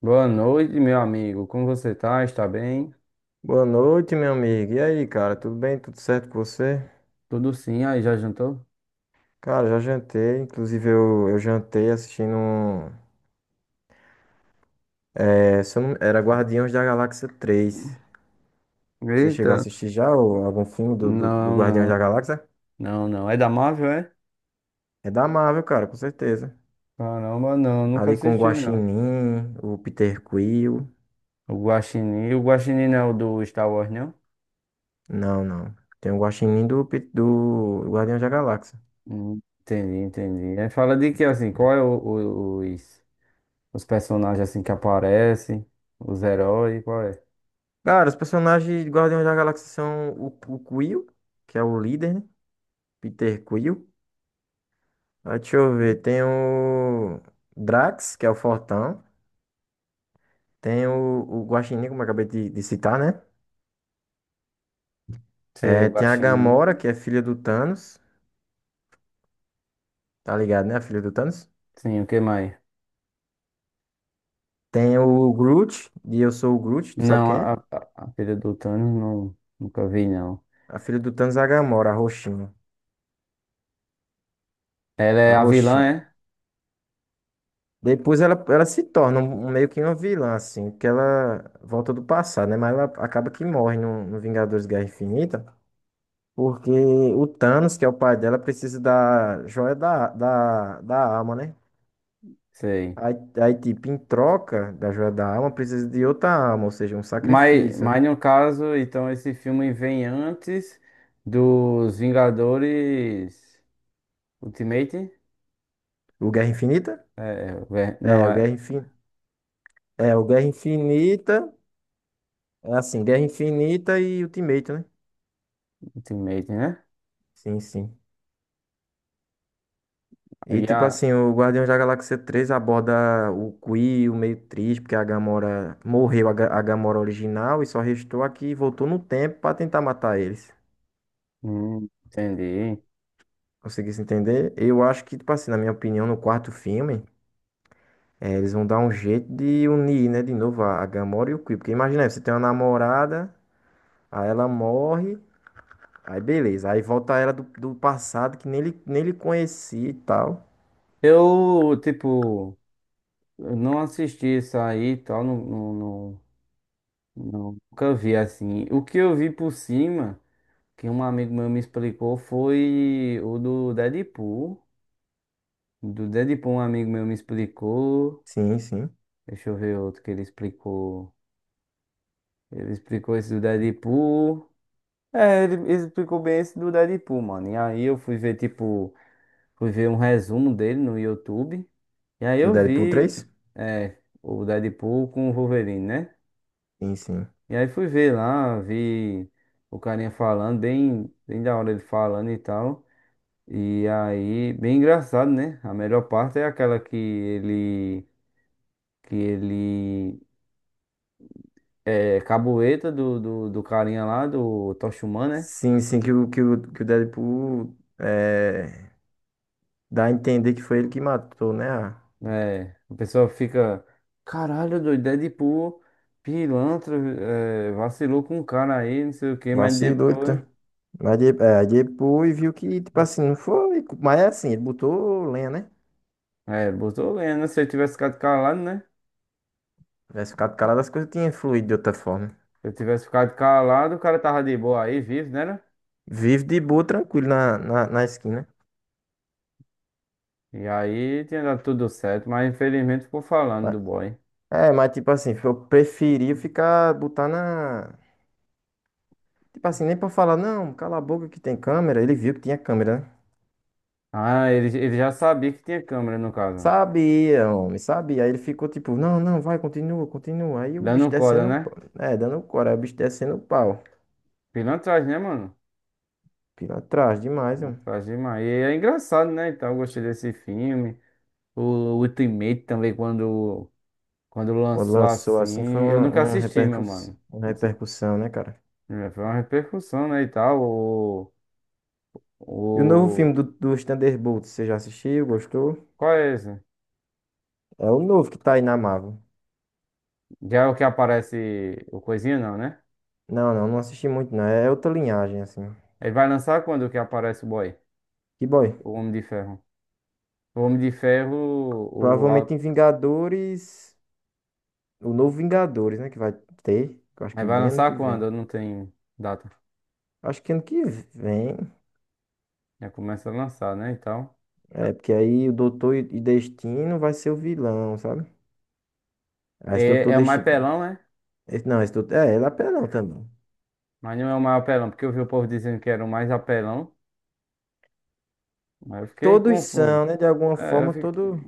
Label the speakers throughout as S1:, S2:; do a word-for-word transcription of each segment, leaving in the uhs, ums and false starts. S1: Boa noite, meu amigo. Como você tá? Está bem?
S2: Boa noite, meu amigo. E aí, cara, tudo bem? Tudo certo com você?
S1: Tudo sim. Aí, já jantou?
S2: Cara, já jantei. Inclusive, eu, eu jantei assistindo. um- É, se eu não- era Guardiões da Galáxia três. Você chegou a
S1: Eita.
S2: assistir já ou algum filme do, do, do
S1: Não,
S2: Guardiões
S1: não,
S2: da Galáxia?
S1: não, não. É da Marvel, é?
S2: É da Marvel, cara, com certeza.
S1: Caramba, não. Nunca
S2: Ali com o
S1: assisti, não.
S2: Guaxinim, o Peter Quill.
S1: O Guaxinim. O Guaxinim não é o do Star Wars, não?
S2: Não, não. Tem o Guaxinim do, Pe- do Guardiões da Galáxia.
S1: Hum, entendi, entendi. Aí fala de que, assim, qual é o- o- os, os personagens, assim, que aparecem? Os heróis, qual é?
S2: Cara, os personagens de Guardiões da Galáxia são o, o Quill, que é o líder, né? Peter Quill. Ah, deixa eu ver. Tem o Drax, que é o fortão. Tem o, o Guaxinim, como eu acabei de, de citar, né?
S1: Sei,
S2: É,
S1: o
S2: tem a Gamora,
S1: Guaxinim.
S2: que é filha do Thanos. Tá ligado, né? A filha do Thanos.
S1: Sim, o que mais?
S2: Tem o Groot, e eu sou o Groot, tu sabe
S1: Não,
S2: quem
S1: a,
S2: é?
S1: a, a filha do Thanos, não, nunca vi, não.
S2: A filha do Thanos é a Gamora, a roxinha.
S1: Ela
S2: A
S1: é a vilã,
S2: roxinha.
S1: é?
S2: Depois ela, ela se torna um, um- meio que uma vilã, assim, porque ela volta do passado, né? Mas ela acaba que morre no, no Vingadores Guerra Infinita. Porque o Thanos, que é o pai dela, precisa da joia da, da, da alma, né?
S1: Sei.
S2: Aí, aí, tipo, em troca da joia da alma, precisa de outra alma, ou seja, um
S1: Mas,
S2: sacrifício, né?
S1: mas no caso, então esse filme vem antes dos Vingadores Ultimate?
S2: O Guerra Infinita?
S1: É, ver- não,
S2: É, o
S1: é
S2: Guerra Infinita. É, o Guerra Infinita. É assim, Guerra Infinita e Ultimate, né?
S1: Ultimate, né?
S2: Sim, sim. E,
S1: E
S2: tipo
S1: a-
S2: assim, o Guardião da Galáxia três aborda o Quill meio triste, porque a Gamora morreu, a Ga- a Gamora original, e só restou aqui que voltou no tempo pra tentar matar eles.
S1: hum, entendi.
S2: Conseguisse entender? Eu acho que, tipo assim, na minha opinião, no quarto filme, eh, eles vão dar um jeito de unir, né, de novo a a Gamora e o Quill. Porque imagina, aí, você tem uma namorada, aí ela morre, aí beleza, aí volta ela do, do passado que nem ele, nem ele conhecia e tal.
S1: Eu, tipo, eu não assisti isso aí e tal, não, não, não- nunca vi assim. O que eu vi por cima, que um amigo meu me explicou, foi o do Deadpool. Do Deadpool, um amigo meu me explicou.
S2: Sim, sim.
S1: Deixa eu ver outro que ele explicou. Ele explicou esse do Deadpool. É, ele ele explicou bem esse do Deadpool, mano. E aí eu fui ver, tipo, fui ver um resumo dele no YouTube. E aí
S2: Do
S1: eu
S2: Deadpool
S1: vi,
S2: três?
S1: é, o Deadpool com o Wolverine, né?
S2: Sim, sim.
S1: E aí fui ver lá, vi o carinha falando, bem, bem da hora ele falando e tal. E aí, bem engraçado, né? A melhor parte é aquela que ele, que ele é, cabueta do, do, do carinha lá, do Tocha Humana,
S2: Sim, sim, que o, que o, que o Deadpool eh, dá a entender que foi ele que matou, né? a-
S1: né? É, a pessoa fica, caralho, doido, Deadpool, pilantra, é, vacilou com o cara aí, não sei o que, mas
S2: Vacilou,
S1: depois,
S2: então. Mas de- é, depois viu que, tipo assim, não foi. Mas é assim, ele botou lenha, né?
S1: é, botou lenha, né? Se eu tivesse ficado calado, né?
S2: Tivesse ficado calado, as coisas tinham fluído de outra forma.
S1: Se eu tivesse ficado calado, o cara tava de boa aí, vivo, né? Né?
S2: Vive de boa, tranquilo na, na, na esquina.
S1: E aí tinha dado tudo certo, mas infelizmente ficou falando
S2: Mas-
S1: do boy.
S2: É, mas tipo assim, eu preferia ficar, botar na. Tipo assim, nem pra falar, não, cala a boca que tem câmera. Ele viu que tinha câmera, né?
S1: Ah, ele, ele já sabia que tinha câmera, no caso.
S2: Sabia, homem, sabia. Aí ele ficou tipo, não, não, vai, continua, continua. Aí o bicho
S1: Dando corda,
S2: descendo o
S1: né?
S2: pau. É, dando o coro, aí o bicho descendo o pau.
S1: Pilantragem, né, mano?
S2: Pilantragem demais, mano.
S1: Faz demais. E é engraçado, né? Então, eu gostei desse filme. O Ultimate também, quando, quando
S2: Quando
S1: lançou
S2: lançou assim, foi
S1: assim. Eu
S2: uma,
S1: nunca
S2: uma
S1: assisti, meu
S2: repercussão,
S1: mano.
S2: uma
S1: Não sei.
S2: repercussão, né, cara?
S1: É, foi uma repercussão, né? E tal. O,
S2: E o novo filme
S1: o...
S2: do, dos Thunderbolts, você já assistiu? Gostou?
S1: Qual é esse?
S2: É o novo que tá aí na Marvel.
S1: Já é o que aparece o coisinha, não, né?
S2: Não, não, não assisti muito, não. É outra linhagem, assim.
S1: Ele vai lançar quando o que aparece o boy?
S2: Que boy.
S1: O Homem de Ferro. O Homem de Ferro. O...
S2: Provavelmente em
S1: au-
S2: Vingadores. O novo Vingadores, né? Que vai ter. que Eu acho
S1: Aí
S2: que
S1: vai
S2: bem ano que
S1: lançar
S2: vem.
S1: quando? Não tem data.
S2: Acho que ano que vem.
S1: Já começa a lançar, né? E tal.
S2: É, porque aí o Doutor e e Destino vai ser o vilão, sabe? Ah, esse
S1: É,
S2: Doutor
S1: é o mais
S2: Destino.
S1: pelão, né?
S2: esse- Não, esse Doutor. É, ele é apelão também.
S1: Mas não é o mais apelão, porque eu vi o povo dizendo que era o mais apelão. Mas eu fiquei
S2: Todos
S1: confuso.
S2: são, né? De alguma
S1: É, eu
S2: forma,
S1: fi-
S2: todo.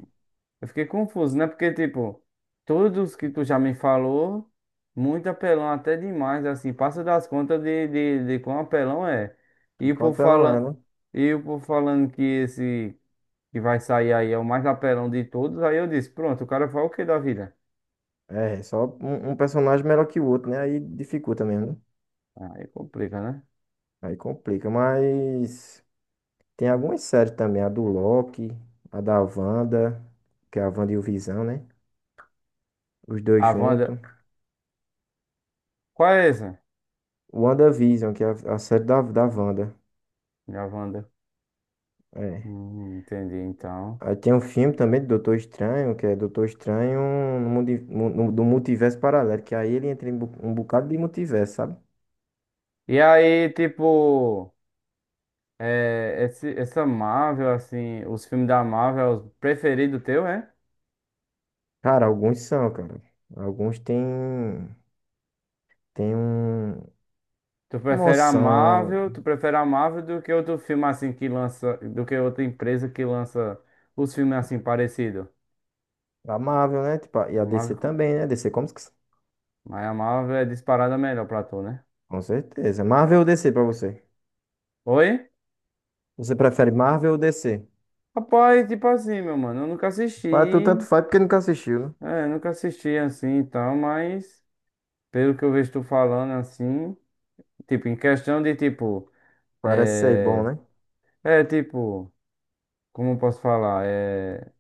S1: eu fiquei confuso, né? Porque, tipo, todos que tu já me falou, muito apelão, até demais, assim, passa das contas de, de, de quão apelão é.
S2: De
S1: E o
S2: qual
S1: povo
S2: apelão é,
S1: fala
S2: né?
S1: e o povo falando que esse que vai sair aí é o mais apelão de todos, aí eu disse, pronto, o cara fala o que da vida?
S2: É, só um, um personagem melhor que o outro, né? Aí dificulta mesmo, né?
S1: Aí complica, né?
S2: Aí complica, mas. Tem algumas séries também, a do Loki, a da Wanda, que é a Wanda e o Visão, né? Os dois
S1: A Wanda,
S2: juntos.
S1: qual é essa?
S2: WandaVision, que é a, a série da, da Wanda.
S1: A Wanda.
S2: É.
S1: Hum, entendi, então.
S2: Aí tem um filme também do Doutor Estranho, que é Doutor Estranho no, mundi- mu- no- do multiverso paralelo, que aí ele entra em bu- um bocado de multiverso, sabe?
S1: E aí, tipo, é, esse, essa Marvel, assim, os filmes da Marvel, é o preferido teu, é?
S2: Cara, alguns são, cara. Alguns tem, tem um,
S1: Tu prefere a
S2: emoção.
S1: Marvel, tu prefere a Marvel do que outro filme assim que lança, do que outra empresa que lança os filmes assim parecido
S2: A Marvel, né? Tipo, a- e a D C
S1: Marvel,
S2: também, né? D C, como, se-
S1: mas a Marvel é disparada melhor pra tu, né?
S2: com certeza. Marvel ou D C pra você?
S1: Oi?
S2: Você prefere Marvel ou D C?
S1: Rapaz, tipo assim, meu mano, eu nunca assisti,
S2: Para tu tanto faz porque nunca assistiu, né?
S1: é, nunca assisti assim e tal, mas pelo que eu vejo tu falando assim, tipo, em questão de tipo.
S2: Parece ser bom,
S1: É,
S2: né?
S1: é tipo, como eu posso falar? É,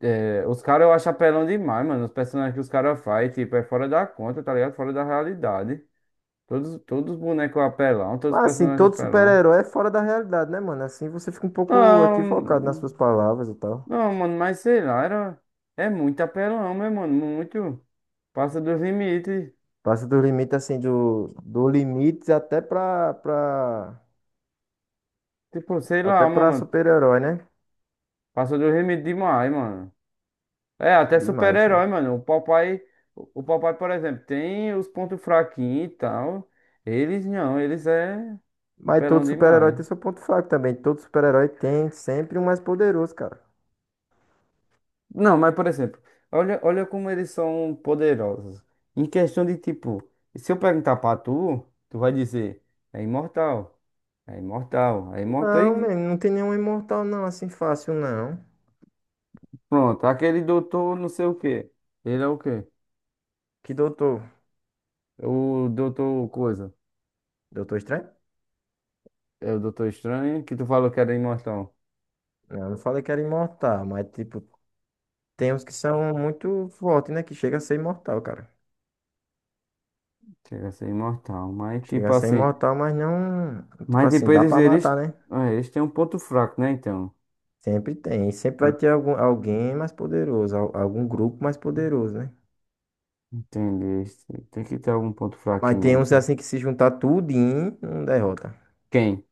S1: é, os caras eu acho apelão demais, mano. Os personagens que os caras fazem, tipo, é fora da conta, tá ligado? Fora da realidade. Todos, todos os bonecos apelão, todos os
S2: Mas assim,
S1: personagens
S2: todo
S1: apelão.
S2: super-herói é fora da realidade, né, mano? Assim você fica um pouco equivocado nas
S1: Não,
S2: suas palavras e tal.
S1: não, mano, mas sei lá, era, é muito apelão, meu mano. Muito. Passa dos limites.
S2: Passa do limite, assim, do, do limite até pra, pra,
S1: Tipo, sei lá,
S2: até pra
S1: mano.
S2: super-herói, né?
S1: Passa dos limites demais, mano. É, até
S2: Demais, né?
S1: super-herói, mano. O papai, o o papai, por exemplo, tem os pontos fraquinhos e tal. Eles não, eles é
S2: Mas
S1: apelão
S2: todo super-herói
S1: demais.
S2: tem seu ponto fraco também. Todo super-herói tem sempre um mais poderoso, cara.
S1: Não, mas por exemplo, olha, olha como eles são poderosos. Em questão de tipo, se eu perguntar pra tu, tu vai dizer, é imortal, é imortal, é imortal
S2: Não,
S1: e
S2: mano, não tem nenhum imortal, não, assim fácil, não.
S1: pronto. Aquele doutor não sei o quê. Ele é o quê?
S2: Que doutor?
S1: O doutor coisa.
S2: Doutor Estranho?
S1: É o doutor estranho que tu falou que era imortal.
S2: Não, eu não falei que era imortal, mas tipo, tem uns que são muito fortes, né? Que chega a ser imortal, cara.
S1: Chega a ser imortal, mas
S2: Chega
S1: tipo
S2: a ser
S1: assim.
S2: imortal, mas não. Tipo
S1: Mas
S2: assim,
S1: tipo,
S2: dá
S1: eles,
S2: pra
S1: eles,
S2: matar, né?
S1: é, eles têm um ponto fraco, né? Então.
S2: Sempre tem. E sempre vai
S1: En-
S2: ter algum, alguém mais poderoso, al- algum grupo mais poderoso, né?
S1: Entendi. Eles têm- tem que ter algum ponto
S2: Mas
S1: fraquinho, né?
S2: tem uns
S1: Então.
S2: assim que se juntar tudinho, não derrota.
S1: Quem?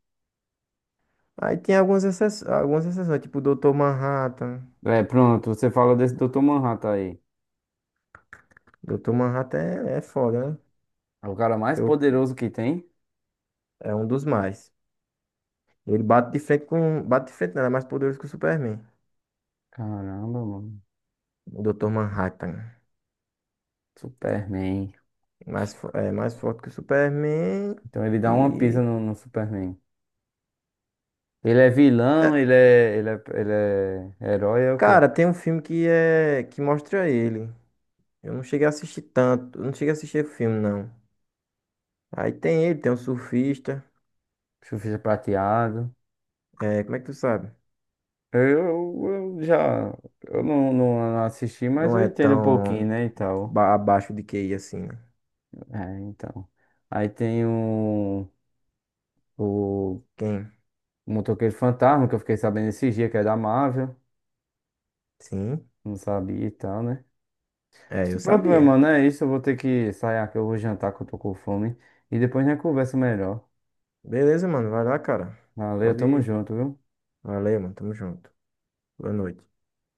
S2: Aí tem algumas exceções, algumas exceções, tipo o doutor Manhattan.
S1: É, pronto, você falou desse doutor Manhattan aí.
S2: doutor Manhattan é, é foda, né?
S1: É o cara mais
S2: Que eu-
S1: poderoso que tem.
S2: É um dos mais. Ele bate de frente com. Bate de frente, não, ele é mais poderoso que o Superman.
S1: Caramba, mano.
S2: O doutor Manhattan.
S1: Superman.
S2: Mais, fo- é mais forte que o Superman.
S1: Então ele dá uma pisa
S2: E.
S1: no, no Superman. Ele é vilão,
S2: É,
S1: ele é, ele é, ele é herói, é o quê?
S2: cara, tem um filme que é que mostra ele. Eu não cheguei a assistir tanto. Eu não cheguei a assistir o filme, não. Aí tem ele, tem um surfista.
S1: Surfista prateado.
S2: É, como é que tu sabe?
S1: Eu, eu já. Eu não, não assisti, mas
S2: Não
S1: eu
S2: é
S1: entendo um
S2: tão
S1: pouquinho, né? E tal.
S2: ba- abaixo de Q I assim, né?
S1: É, então. Aí tem o, o
S2: Quem?
S1: Motoqueiro Fantasma, que eu fiquei sabendo esse dia, que é da Marvel.
S2: Sim.
S1: Não sabia e tal, né?
S2: É, eu
S1: Pronto, meu
S2: sabia.
S1: mano, é isso. Eu vou ter que sair aqui, eu vou jantar, que eu tô com fome. E depois a gente conversa melhor.
S2: Beleza, mano. Vai lá, cara.
S1: Valeu,
S2: Pode
S1: tamo
S2: ir.
S1: junto, viu?
S2: Valeu, mano. Tamo junto. Boa noite.